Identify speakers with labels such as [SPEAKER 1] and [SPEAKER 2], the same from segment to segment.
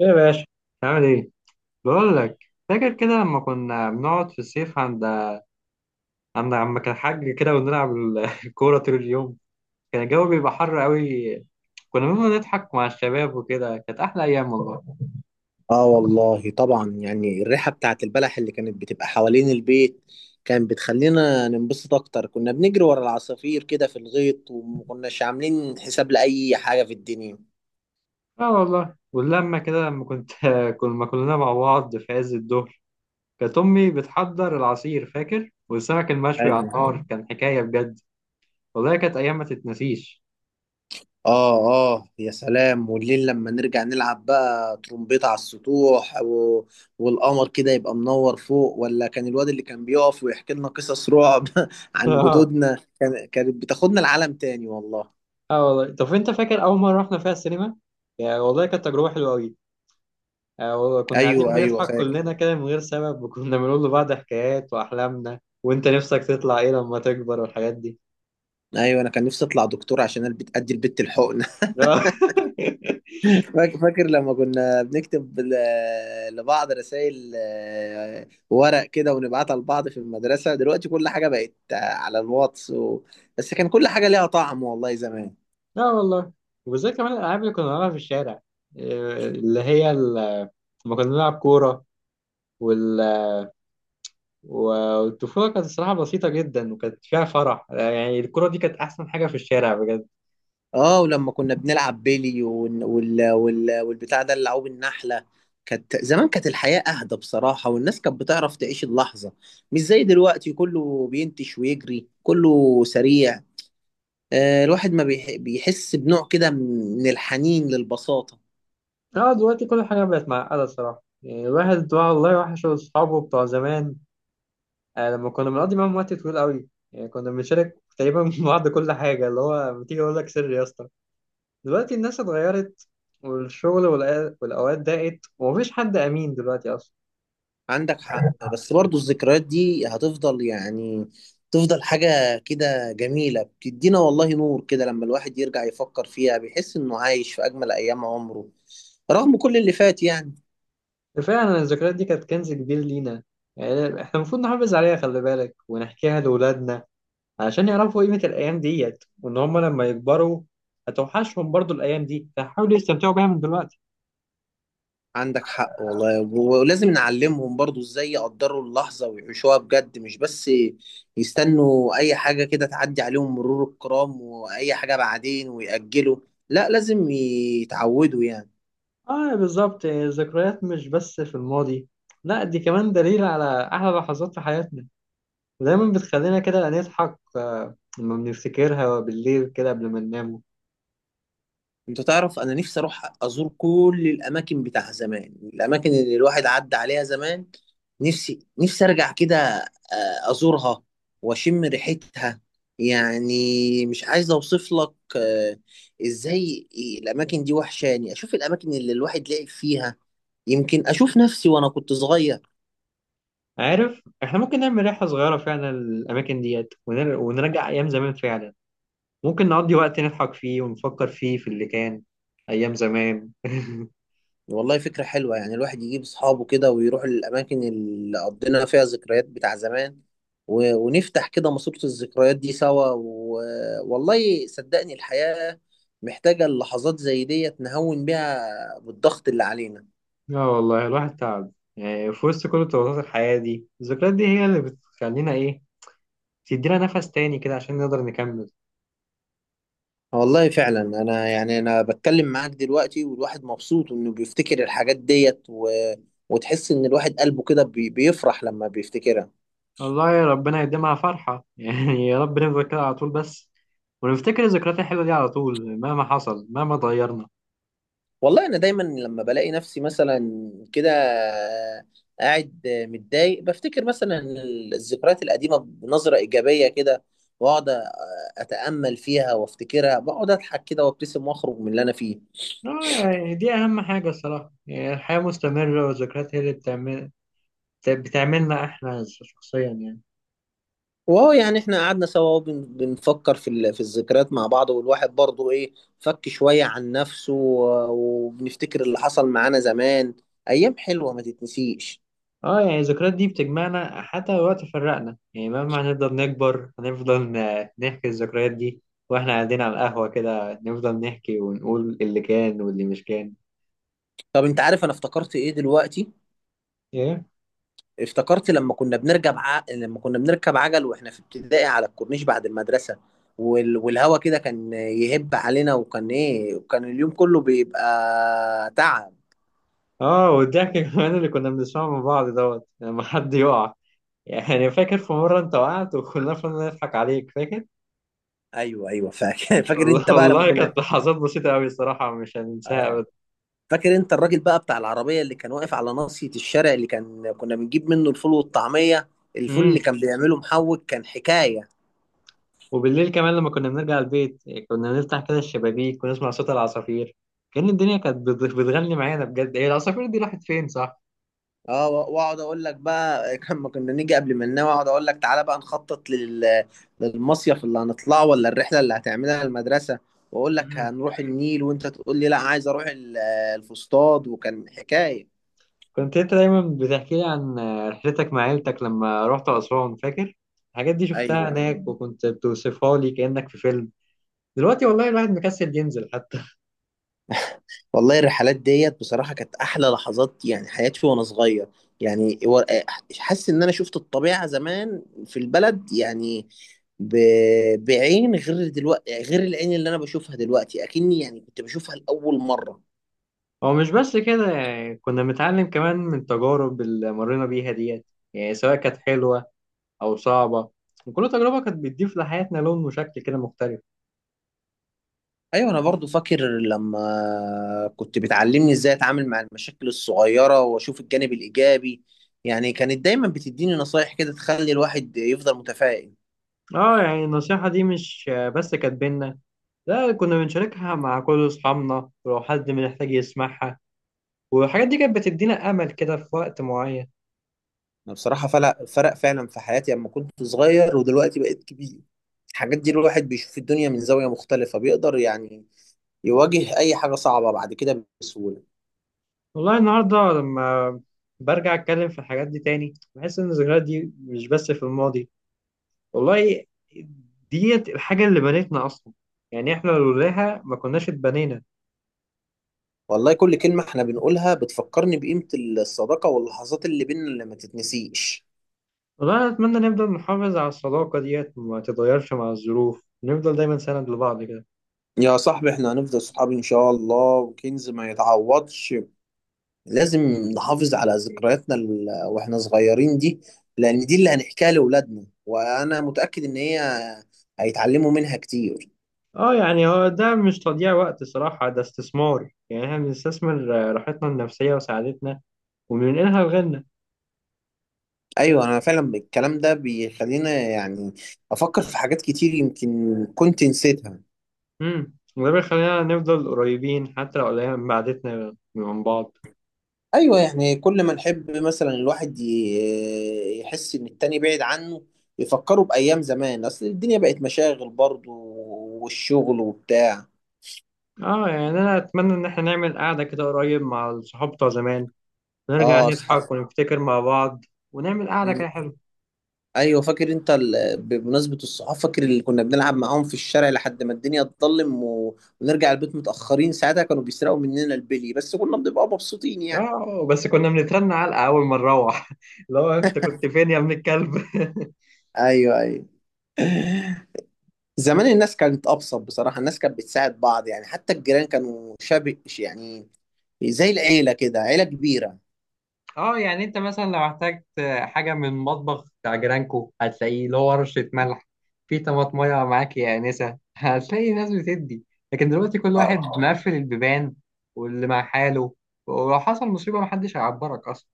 [SPEAKER 1] ايه يا باشا؟ عامل ايه؟ بقول لك، فاكر كده لما كنا بنقعد في الصيف عند عم كان حاج كده ونلعب الكوره طول اليوم. كان الجو بيبقى حر قوي، كنا بنقعد نضحك مع الشباب وكده، كانت احلى ايام والله.
[SPEAKER 2] اه والله طبعا، يعني الريحة بتاعت البلح اللي كانت بتبقى حوالين البيت كانت بتخلينا ننبسط اكتر. كنا بنجري ورا العصافير كده في الغيط ومكناش عاملين حساب لأي حاجة في الدنيا.
[SPEAKER 1] اه والله، واللما كده لما كنا كلنا مع بعض في عز الظهر، كانت امي بتحضر العصير فاكر، والسمك المشوي على
[SPEAKER 2] ايوه.
[SPEAKER 1] النار كان حكايه بجد. والله كانت ايام ما تتنسيش.
[SPEAKER 2] اه. اه يا سلام، والليل لما نرجع نلعب بقى ترومبيت على السطوح، والقمر كده يبقى منور فوق، ولا كان الواد اللي كان بيقف ويحكي لنا قصص رعب عن
[SPEAKER 1] اه.
[SPEAKER 2] جدودنا كانت بتاخدنا لعالم تاني والله.
[SPEAKER 1] اه والله، طب انت فاكر اول مره رحنا فيها السينما؟ يعني والله كانت تجربه حلوه قوي، كنا قاعدين
[SPEAKER 2] ايوه ايوه
[SPEAKER 1] بنضحك
[SPEAKER 2] فاكر.
[SPEAKER 1] كلنا كده من غير سبب، وكنا بنقول لبعض حكايات وأحلامنا، وأنت نفسك تطلع إيه لما تكبر والحاجات دي.
[SPEAKER 2] ايوه انا كان نفسي اطلع دكتور عشان انا ادي البت الحقن.
[SPEAKER 1] لا.
[SPEAKER 2] فاكر لما كنا بنكتب لبعض رسائل ورق كده ونبعتها لبعض في المدرسه. دلوقتي كل حاجه بقت على الواتس بس كان كل حاجه ليها طعم والله زمان.
[SPEAKER 1] لا والله. وزي كمان الألعاب اللي كنا بنلعبها في الشارع، إيه، لما كنا بنلعب كورة وال... والطفولة كانت الصراحة بسيطة جدا، وكانت فيها فرح، آه، يعني الكورة دي كانت أحسن حاجة في الشارع بجد.
[SPEAKER 2] اه، ولما كنا بنلعب بيلي والبتاع ده اللي عوب النحله. كانت الحياه اهدى بصراحه، والناس كانت بتعرف تعيش اللحظه، مش زي دلوقتي كله بينتش ويجري كله سريع. الواحد ما بيحس بنوع كده من الحنين للبساطة.
[SPEAKER 1] اه دلوقتي كل حاجة بقت معقدة الصراحة، يعني الواحد والله وحش أصحابه بتوع زمان، آه، لما كنا بنقضي معاهم وقت طويل قوي، يعني كنا بنشارك تقريبا مع بعض كل حاجة، اللي هو بتيجي أقول لك سر يا اسطى. دلوقتي الناس اتغيرت، والشغل والأوقات ضاقت، ومفيش حد أمين دلوقتي أصلا.
[SPEAKER 2] عندك حق، بس برضو الذكريات دي هتفضل، يعني تفضل حاجة كده جميلة بتدينا والله نور كده، لما الواحد يرجع يفكر فيها بيحس إنه عايش في أجمل أيام عمره رغم كل اللي فات يعني.
[SPEAKER 1] كفاية أن الذكريات دي كانت كنز كبير لينا، يعني إحنا المفروض نحافظ عليها خلي بالك، ونحكيها لأولادنا عشان يعرفوا قيمة الأيام ديت، وإن هما لما يكبروا هتوحشهم برضو الأيام دي، فحاولوا يستمتعوا بيها من دلوقتي.
[SPEAKER 2] عندك حق والله، ولازم نعلمهم برضو ازاي يقدروا اللحظة ويعيشوها بجد، مش بس يستنوا اي حاجة كده تعدي عليهم مرور الكرام، واي حاجة بعدين ويأجلوا. لا، لازم يتعودوا يعني.
[SPEAKER 1] اه بالظبط، الذكريات مش بس في الماضي، لا دي كمان دليل على احلى لحظات في حياتنا، ودايما بتخلينا كده نضحك، آه، لما بنفتكرها بالليل كده قبل ما ننام.
[SPEAKER 2] انت تعرف انا نفسي اروح ازور كل الاماكن بتاع زمان، الاماكن اللي الواحد عدى عليها زمان. نفسي نفسي ارجع كده، ازورها، واشم ريحتها. يعني مش عايز اوصف لك ازاي الاماكن دي وحشاني، اشوف الاماكن اللي الواحد لعب فيها، يمكن اشوف نفسي وانا كنت صغير.
[SPEAKER 1] عارف، احنا ممكن نعمل رحلة صغيرة فعلا للأماكن ديت، ونرجع أيام زمان فعلا، ممكن نقضي وقت نضحك فيه ونفكر فيه في اللي كان، أيام زمان.
[SPEAKER 2] والله فكرة حلوة، يعني الواحد يجيب أصحابه كده ويروح للأماكن اللي قضينا فيها ذكريات بتاع زمان، ونفتح كده ماسورة الذكريات دي سوا. والله صدقني، الحياة محتاجة اللحظات زي ديت نهون بيها بالضغط اللي علينا.
[SPEAKER 1] لا والله الواحد تعب، يعني في وسط كل الضغوطات الحياة دي الذكريات دي هي اللي بتخلينا إيه، تدينا نفس تاني كده عشان نقدر نكمل.
[SPEAKER 2] والله فعلا، أنا يعني أنا بتكلم معاك دلوقتي والواحد مبسوط إنه بيفتكر الحاجات ديت، وتحس إن الواحد قلبه كده بيفرح لما بيفتكرها.
[SPEAKER 1] والله يا ربنا يديمها فرحة، يعني يا رب نفضل كده على طول بس، ونفتكر الذكريات الحلوة دي على طول مهما حصل مهما اتغيرنا.
[SPEAKER 2] والله انا دايما لما بلاقي نفسي مثلا كده قاعد متضايق، بفتكر مثلا الذكريات القديمه بنظره ايجابيه كده، واقعد اتامل فيها وافتكرها، بقعد اضحك كده وابتسم واخرج من اللي انا فيه.
[SPEAKER 1] آه، يعني دي أهم حاجة الصراحة، يعني الحياة مستمرة، والذكريات هي اللي بتعمل بتعملنا إحنا شخصيا يعني.
[SPEAKER 2] وهو يعني احنا قعدنا سوا بنفكر في الذكريات مع بعض، والواحد برضه ايه، فك شويه عن نفسه، وبنفتكر اللي حصل معانا زمان، ايام حلوه ما تتنسيش.
[SPEAKER 1] اه يعني الذكريات دي بتجمعنا حتى لو وقت فرقنا، يعني مهما هنفضل نكبر هنفضل نحكي الذكريات دي، واحنا قاعدين على القهوة كده نفضل نحكي ونقول اللي كان واللي مش كان.
[SPEAKER 2] طب انت عارف انا افتكرت ايه دلوقتي؟
[SPEAKER 1] إيه؟
[SPEAKER 2] افتكرت لما كنا بنركب عجل واحنا في ابتدائي على الكورنيش بعد المدرسة، والهوا كده كان يهب علينا، وكان ايه، وكان اليوم كله بيبقى تعب.
[SPEAKER 1] اه، والضحك كمان اللي كنا بنسمعه من بعض دوت لما حد يقع، يعني فاكر في مرة انت وقعت وكلنا فضلنا نضحك عليك فاكر؟
[SPEAKER 2] ايوه ايوه فاكر. فاكر
[SPEAKER 1] والله
[SPEAKER 2] انت بقى لما
[SPEAKER 1] والله
[SPEAKER 2] كنا.
[SPEAKER 1] كانت لحظات بسيطة أوي الصراحة، مش هننساها
[SPEAKER 2] آه.
[SPEAKER 1] أبدا.
[SPEAKER 2] فاكر انت الراجل بقى بتاع العربية اللي كان واقف على ناصية الشارع، اللي كان كنا بنجيب منه الفول والطعمية. الفول اللي
[SPEAKER 1] امم،
[SPEAKER 2] كان بيعمله محوج كان حكاية.
[SPEAKER 1] وبالليل كمان لما كنا بنرجع البيت، كنا بنفتح كده الشبابيك ونسمع صوت العصافير، كأن الدنيا كانت بتغني معانا بجد. هي العصافير دي راحت فين صح؟
[SPEAKER 2] اه، واقعد اقول لك بقى لما كنا نيجي قبل ما ننام، اقعد اقول لك تعالى بقى نخطط للمصيف اللي هنطلعه، ولا الرحله اللي هتعملها المدرسه. واقول لك
[SPEAKER 1] امم،
[SPEAKER 2] هنروح النيل، وانت تقول لي لا عايز اروح الفسطاط وكان حكايه.
[SPEAKER 1] كنت انت دايما بتحكي لي عن رحلتك مع عيلتك لما رحت أسوان فاكر؟ الحاجات دي شفتها
[SPEAKER 2] ايوه.
[SPEAKER 1] هناك وكنت بتوصفها لي كأنك في فيلم. دلوقتي والله الواحد مكسل ينزل حتى.
[SPEAKER 2] والله الرحلات ديت بصراحه كانت احلى لحظات يعني حياتي وانا صغير، يعني حاسس ان انا شفت الطبيعه زمان في البلد، يعني ب... بعين غير دلوقتي، غير العين اللي انا بشوفها دلوقتي، اكني يعني كنت بشوفها لاول مره.
[SPEAKER 1] هو مش بس كده، يعني كنا بنتعلم كمان من التجارب اللي مرينا بيها ديت، يعني سواء كانت حلوة أو صعبة، وكل تجربة كانت بتضيف لحياتنا لون وشكل كده مختلف.
[SPEAKER 2] ايوه انا برضو فاكر لما كنت بتعلمني ازاي اتعامل مع المشاكل الصغيره واشوف الجانب الايجابي. يعني كانت دايما بتديني نصايح كده تخلي الواحد يفضل متفائل.
[SPEAKER 1] اه يعني النصيحة دي مش بس كانت بينا، لا كنا بنشاركها مع كل أصحابنا ولو حد محتاج يسمعها، والحاجات دي كانت بتدينا أمل كده في وقت معين.
[SPEAKER 2] انا بصراحه فرق فرق فعلا في حياتي، لما كنت صغير ودلوقتي بقيت كبير. الحاجات دي الواحد بيشوف الدنيا من زاويه مختلفه، بيقدر يعني يواجه اي حاجه صعبه بعد كده بسهوله.
[SPEAKER 1] والله النهاردة لما برجع أتكلم في الحاجات دي تاني، بحس إن الذكريات دي مش بس في الماضي والله، ديت الحاجة اللي بنتنا أصلا، يعني إحنا لولاها ما كناش اتبنينا.
[SPEAKER 2] والله كل كلمه احنا بنقولها بتفكرني بقيمه الصداقه واللحظات اللي بينا اللي ما تتنسيش.
[SPEAKER 1] والله أنا أتمنى نفضل نحافظ على الصداقة ديت، ما تتغيرش مع الظروف، نفضل دايما سند لبعض كده.
[SPEAKER 2] يا صاحبي، احنا هنفضل صحاب ان شاء الله، وكنز ما يتعوضش. لازم نحافظ على ذكرياتنا واحنا صغيرين دي، لان دي اللي هنحكيها لاولادنا، وانا متأكد ان هي هيتعلموا منها كتير.
[SPEAKER 1] اه يعني هو ده مش تضييع وقت صراحة، ده استثمار، يعني احنا بنستثمر، آه، راحتنا النفسية وسعادتنا، وبننقلها لغيرنا.
[SPEAKER 2] ايوه انا فعلا الكلام ده بيخلينا يعني افكر في حاجات كتير يمكن كنت نسيتها.
[SPEAKER 1] امم، وده بيخلينا نفضل قريبين حتى لو قليل من بعدتنا من بعض.
[SPEAKER 2] ايوه، يعني كل ما نحب مثلا الواحد يحس ان التاني بعيد عنه، يفكروا بأيام زمان، اصل الدنيا بقت مشاغل برضه والشغل وبتاع.
[SPEAKER 1] اه يعني انا اتمنى ان احنا نعمل قعدة كده قريب مع الصحاب بتوع زمان، نرجع
[SPEAKER 2] اه. اصحاب.
[SPEAKER 1] نضحك ونفتكر مع بعض، ونعمل قعدة
[SPEAKER 2] مم.
[SPEAKER 1] كده حلوة.
[SPEAKER 2] ايوه فاكر انت بمناسبه الصحاب، فاكر اللي كنا بنلعب معاهم في الشارع لحد ما الدنيا تظلم، ونرجع البيت متاخرين. ساعتها كانوا بيسرقوا مننا البلي، بس كنا بنبقى مبسوطين يعني.
[SPEAKER 1] اه، بس كنا بنترن علقة أول ما نروح. لو أنت كنت فين يا ابن الكلب؟
[SPEAKER 2] ايوه ايوه. زمان الناس كانت ابسط بصراحه، الناس كانت بتساعد بعض يعني، حتى الجيران كانوا شبه يعني زي العيله كده، عيله كبيره.
[SPEAKER 1] اه يعني أنت مثلا لو احتجت حاجة من مطبخ بتاع جيرانكو، هتلاقيه له ورشة ملح في طماطمية معاك يا آنسة، هتلاقي ناس بتدي. لكن دلوقتي كل
[SPEAKER 2] اه.
[SPEAKER 1] واحد مقفل البيبان، واللي مع حاله، ولو حصل مصيبة محدش هيعبرك أصلا.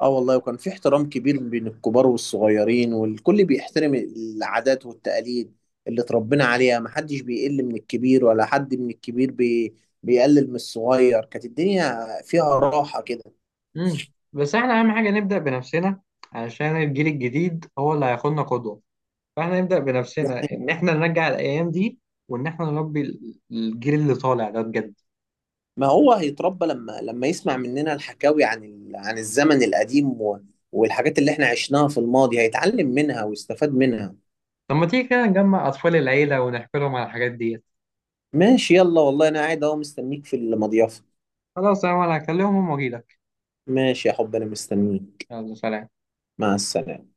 [SPEAKER 2] اه والله، وكان في احترام كبير بين الكبار والصغيرين، والكل بيحترم العادات والتقاليد اللي اتربينا عليها. محدش بيقل من الكبير، ولا حد من الكبير بيقلل من الصغير. كانت الدنيا فيها راحة كده.
[SPEAKER 1] مم. بس احنا أهم حاجة نبدأ بنفسنا، عشان الجيل الجديد هو اللي هياخدنا قدوة، فاحنا نبدأ بنفسنا
[SPEAKER 2] يعني
[SPEAKER 1] ان احنا نرجع الايام دي، وان احنا نربي الجيل اللي طالع ده بجد.
[SPEAKER 2] ما هو هيتربى لما يسمع مننا الحكاوي عن عن الزمن القديم، والحاجات اللي احنا عشناها في الماضي هيتعلم منها ويستفاد منها.
[SPEAKER 1] طب ما تيجي كده نجمع اطفال العيلة ونحكي لهم على الحاجات ديت.
[SPEAKER 2] ماشي يلا، والله انا قاعد اهو مستنيك في المضيافة.
[SPEAKER 1] خلاص يا عمر، هكلمهم واجيلك.
[SPEAKER 2] ماشي يا حب، انا مستنيك.
[SPEAKER 1] يلا سلام.
[SPEAKER 2] مع السلامة.